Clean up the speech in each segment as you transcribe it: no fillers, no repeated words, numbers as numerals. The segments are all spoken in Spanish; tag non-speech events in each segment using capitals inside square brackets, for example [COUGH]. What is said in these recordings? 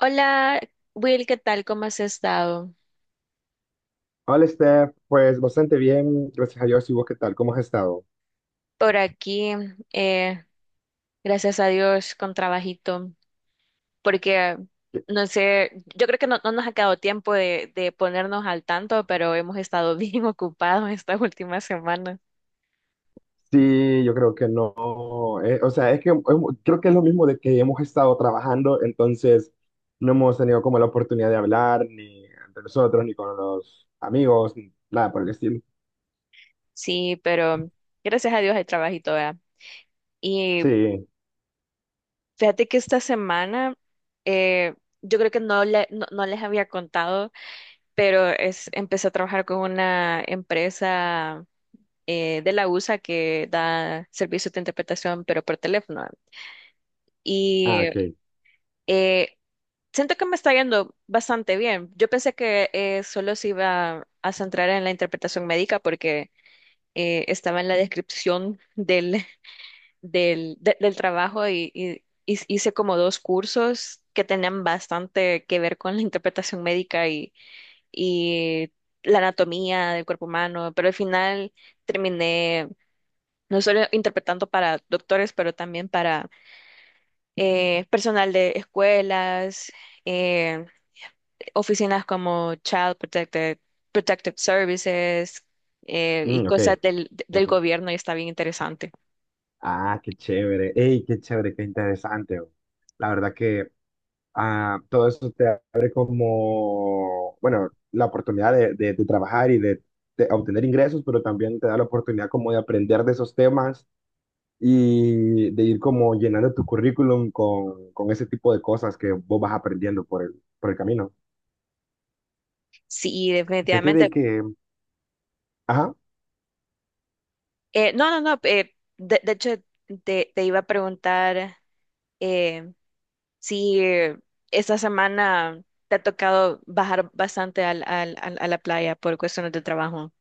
Hola, Will, ¿qué tal? ¿Cómo has estado? Hola, Steph. Pues bastante bien, gracias a Dios. ¿Y vos qué tal? ¿Cómo has estado? Por aquí, eh, gracias a Dios, con trabajito, porque no sé, yo creo que no nos ha quedado tiempo de ponernos al tanto, pero hemos estado [LAUGHS] bien ocupados estas últimas semanas. Sí, yo creo que no. O sea, es que creo que es lo mismo de que hemos estado trabajando, entonces no hemos tenido como la oportunidad de hablar ni entre nosotros, ni con los amigos, ni nada por el estilo. Sí, pero gracias a Dios hay trabajito, ¿verdad? Y Sí. fíjate que esta semana, eh, yo creo que no les había contado, pero es, empecé a trabajar con una empresa de la USA, que da servicios de interpretación, pero por teléfono. Y Ah, ok. eh, siento que me está yendo bastante bien. Yo pensé que solo se iba a centrar en la interpretación médica porque estaba en la descripción [LAUGHS] del trabajo y, y hice como dos cursos que tenían bastante que ver con la interpretación médica y la anatomía del cuerpo humano, pero al final terminé no solo interpretando para doctores, pero también para personal de escuelas, eh, oficinas como Child Protected, Protective Services, y Mm, ok. cosas del Ujú. gobierno, y está bien interesante. Ah, qué chévere. Ey, qué chévere, qué interesante. La verdad que todo eso te abre como, bueno, la oportunidad de, de trabajar y de obtener ingresos, pero también te da la oportunidad como de aprender de esos temas y de ir como llenando tu currículum con ese tipo de cosas que vos vas aprendiendo por el camino. Sí, Fíjate de definitivamente. que, ajá, No, no, no. De hecho, te iba a preguntar eh, si esta semana te ha tocado bajar bastante al, a la playa por cuestiones de trabajo.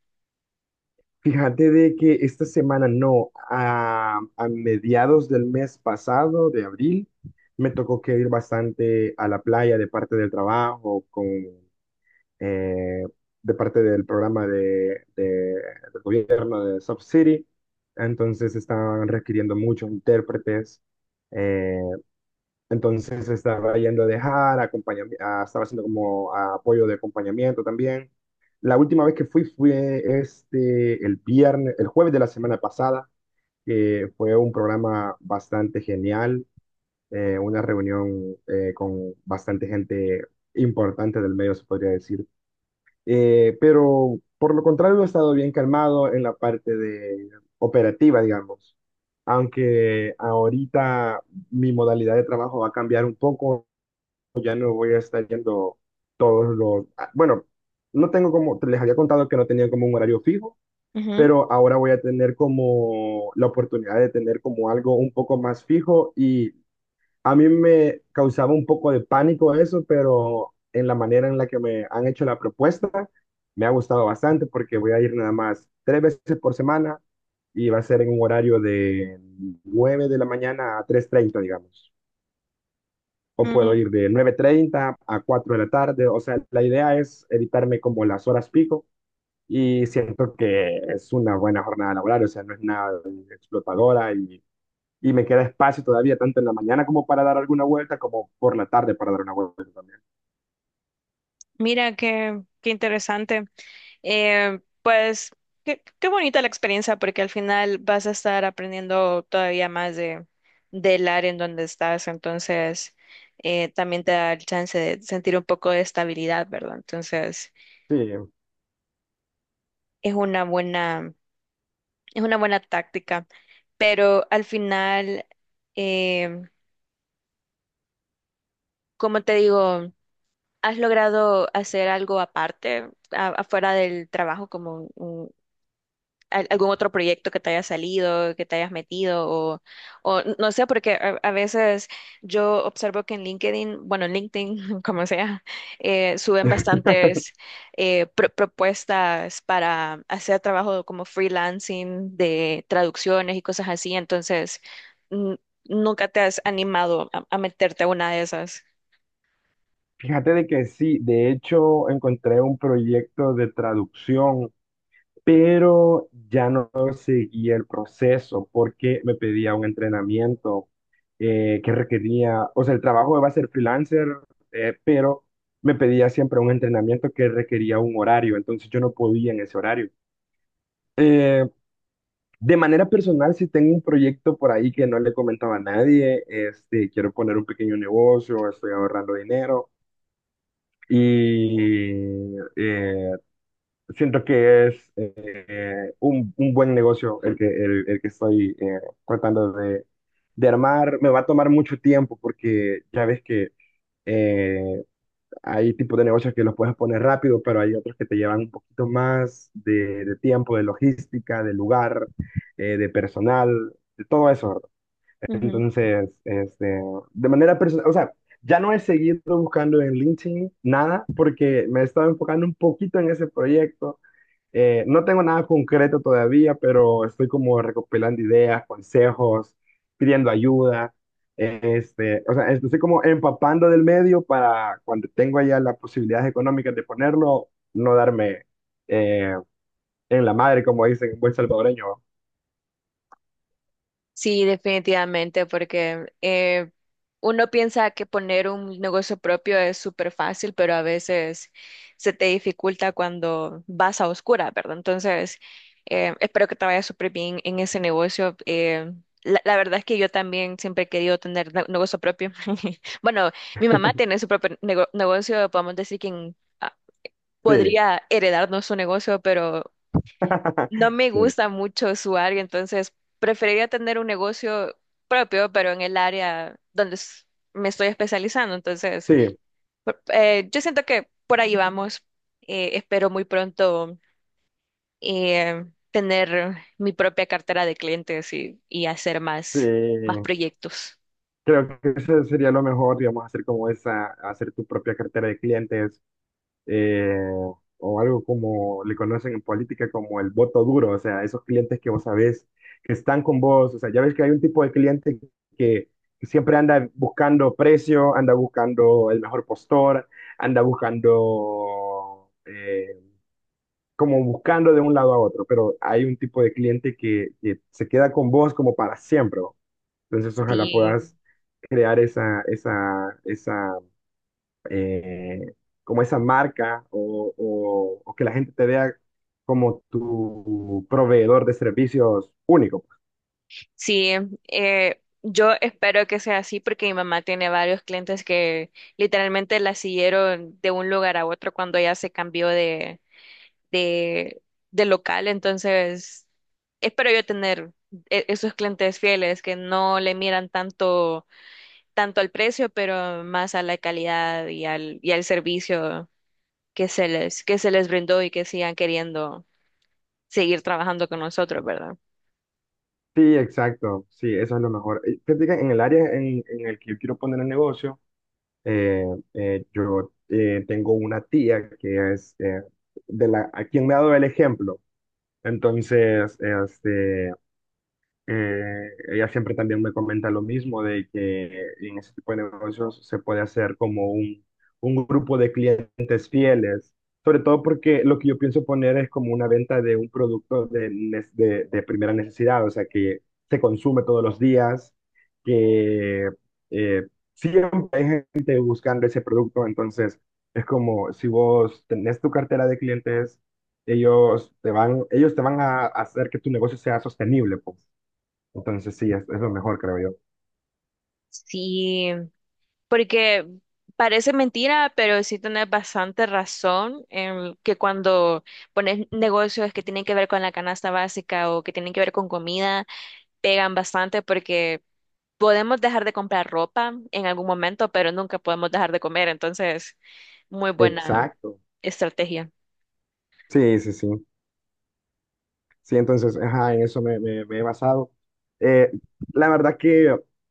fíjate de que esta semana, no, a mediados del mes pasado, de abril, me tocó que ir bastante a la playa de parte del trabajo con eh, de parte del programa de, del gobierno de Soft City. Entonces estaban requiriendo muchos intérpretes. eh, entonces estaba yendo a dejar, estaba haciendo como apoyo de acompañamiento también. La última vez que fui fue este, el viernes, el jueves de la semana pasada, que fue un programa bastante genial, una reunión con bastante gente importante del medio, se podría decir. Pero por lo contrario, he estado bien calmado en la parte de operativa, digamos. Aunque ahorita mi modalidad de trabajo va a cambiar un poco, ya no voy a estar yendo todos los... Bueno, no tengo como, les había contado que no tenía como un horario fijo, pero ahora voy a tener como la oportunidad de tener como algo un poco más fijo y a mí me causaba un poco de pánico eso, pero en la manera en la que me han hecho la propuesta, me ha gustado bastante porque voy a ir nada más tres veces por semana y va a ser en un horario de 9 de la mañana a 3:30, digamos. O puedo Ujú. ir de 9:30 a 4 de la tarde. O sea, la idea es evitarme como las horas pico y siento que es una buena jornada laboral, o sea, no es nada explotadora y me queda espacio todavía tanto en la mañana como para dar alguna vuelta, como por la tarde para dar una vuelta también. Mira, qué, qué interesante. Pues qué, qué bonita la experiencia porque al final vas a estar aprendiendo todavía más de, del área en donde estás. Entonces, también te da el chance de sentir un poco de estabilidad, ¿verdad? Entonces, Sí, es una buena, es una buena táctica. Pero al final, eh, como te digo, ¿has logrado hacer algo aparte, a- afuera del trabajo, como un, al- algún otro proyecto que te haya salido, que te hayas metido o no sé, porque a veces yo observo que en LinkedIn, bueno, en LinkedIn, [LAUGHS] como sea, suben bastantes pro- propuestas para hacer trabajo como freelancing de traducciones y cosas así, entonces mm, nunca te has animado a meterte a una de esas. fíjate de que sí, de hecho encontré un proyecto de traducción, pero ya no seguí el proceso porque me pedía un entrenamiento que requería, o sea, el trabajo iba a ser freelancer, pero me pedía siempre un entrenamiento que requería un horario, entonces yo no podía en ese horario. Eh, De manera personal, si tengo un proyecto por ahí que no le comentaba a nadie, este, quiero poner un pequeño negocio, estoy ahorrando dinero y siento que es un buen negocio el que estoy tratando de armar. Me va a tomar mucho tiempo porque ya ves que eh, hay tipos de negocios que los puedes poner rápido, pero hay otros que te llevan un poquito más de tiempo, de logística, de lugar, de personal, de todo eso. Entonces, este, de manera personal, o sea, ya no he seguido buscando en LinkedIn nada porque me he estado enfocando un poquito en ese proyecto. No tengo nada concreto todavía, pero estoy como recopilando ideas, consejos, pidiendo ayuda. Este, o sea, estoy como empapando del medio para cuando tengo ya las posibilidades económicas de ponerlo, no darme eh, en la madre, como dicen en buen salvadoreño. Sí, definitivamente, porque uno piensa que poner un negocio propio es súper fácil, pero a veces se te dificulta cuando vas a oscura, ¿verdad? Entonces, espero que te vaya súper bien en ese negocio. La, la verdad es que yo también siempre he querido tener ne- negocio propio. [LAUGHS] Bueno, mi mamá tiene su propio nego- negocio, podemos decir que ah, Sí, podría heredarnos su negocio, pero no [LAUGHS] me sí, gusta mucho su área, entonces preferiría tener un negocio propio, pero en el área donde s- me estoy especializando. Entonces, por- yo siento que por ahí vamos. Espero muy pronto eh, tener mi propia cartera de clientes y hacer sí, más, más sí. proyectos. Creo que eso sería lo mejor, digamos, hacer como esa, hacer tu propia cartera de clientes eh, o algo como le conocen en política como el voto duro, o sea, esos clientes que vos sabés que están con vos, o sea, ya ves que hay un tipo de cliente que siempre anda buscando precio, anda buscando el mejor postor, anda buscando, como buscando de un lado a otro, pero hay un tipo de cliente que se queda con vos como para siempre. Entonces, ojalá Sí, puedas crear esa, esa, esa, eh, como esa marca o, o que la gente te vea como tu proveedor de servicios único. sí, yo espero que sea así porque mi mamá tiene varios clientes que literalmente la siguieron de un lugar a otro cuando ella se cambió de de, de local, entonces espero yo tener e- esos clientes fieles que no le miran tanto, tanto al precio, pero más a la calidad y al servicio que se les brindó y que sigan queriendo seguir trabajando con nosotros, ¿verdad? Sí, exacto. Sí, eso es lo mejor. Fíjate que en el área en el que yo quiero poner el negocio, eh, yo tengo una tía que es de la, a quien me ha dado el ejemplo. Entonces, este, eh, ella siempre también me comenta lo mismo, de que en ese tipo de negocios se puede hacer como un grupo de clientes fieles, sobre todo porque lo que yo pienso poner es como una venta de un producto de, de primera necesidad, o sea, que se consume todos los días, que eh, siempre hay gente buscando ese producto, entonces es como si vos tenés tu cartera de clientes, ellos te van a hacer que tu negocio sea sostenible, pues. Entonces sí, es lo mejor, creo yo. Sí, porque parece mentira, pero sí tenés bastante razón en que cuando pones negocios que tienen que ver con la canasta básica o que tienen que ver con comida, pegan bastante porque podemos dejar de comprar ropa en algún momento, pero nunca podemos dejar de comer. Entonces, muy buena Exacto. estrategia. Sí, sí, sí. Sí, entonces, ajá, en eso me, me he basado. Eh, la verdad que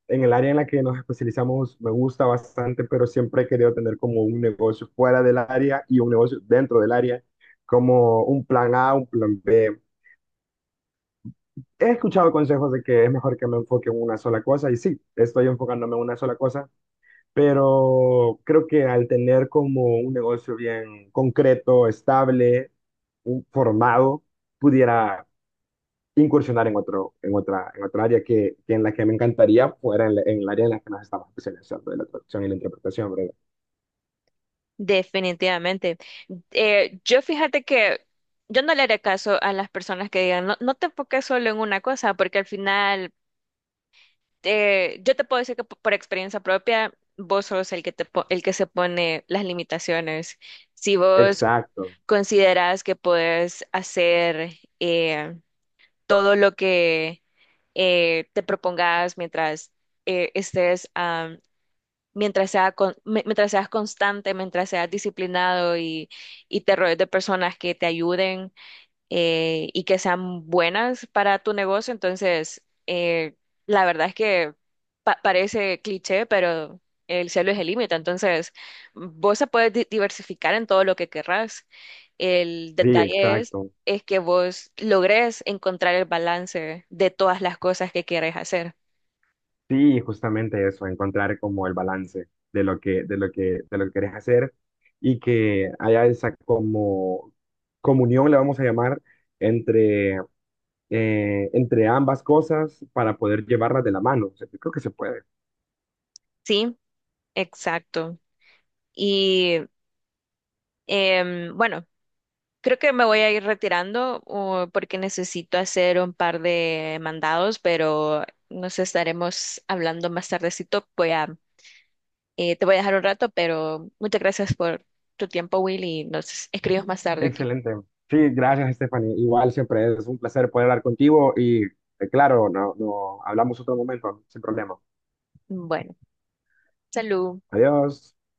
en el área en la que nos especializamos me gusta bastante, pero siempre he querido tener como un negocio fuera del área y un negocio dentro del área, como un plan A, un plan B. He escuchado consejos de que es mejor que me enfoque en una sola cosa y sí, estoy enfocándome en una sola cosa, pero creo que al tener como un negocio bien concreto, estable, un formado pudiera incursionar en otro, en otra área que en la que me encantaría fuera en, en el área en la que nos estamos especializando, de la traducción y la interpretación, ¿verdad? Definitivamente. Yo fíjate que yo no le haré caso a las personas que digan, no, no te enfoques solo en una cosa, porque al final, yo te puedo decir que p- por experiencia propia, vos sos el que te, po- el que se pone las limitaciones. Si vos Exacto, consideras que puedes hacer eh, todo lo que te propongas, mientras eh, estés, am, mientras sea con- mi- mientras seas constante, mientras seas disciplinado y te rodees de personas que te ayuden, y que sean buenas para tu negocio. Entonces, la verdad es que pa- parece cliché, pero el cielo es el límite. Entonces, vos se puedes di- diversificar en todo lo que querrás. El sí, detalle exacto. es que vos logres encontrar el balance de todas las cosas que quieres hacer. Sí, justamente eso, encontrar como el balance de lo que, de lo que, de lo que querés hacer y que haya esa como comunión, le vamos a llamar, entre, entre ambas cosas para poder llevarlas de la mano. O sea, yo creo que se puede. Sí, exacto. Y bueno, creo que me voy a ir retirando, porque necesito hacer un par de mandados, pero nos estaremos hablando más tardecito. Voy a, te voy a dejar un rato, pero muchas gracias por tu tiempo, Will, y nos escribimos más tarde aquí. Excelente. Sí, gracias, Stephanie. Igual siempre es un placer poder hablar contigo y claro, no, no hablamos otro momento, sin problema. Bueno, salud. Adiós.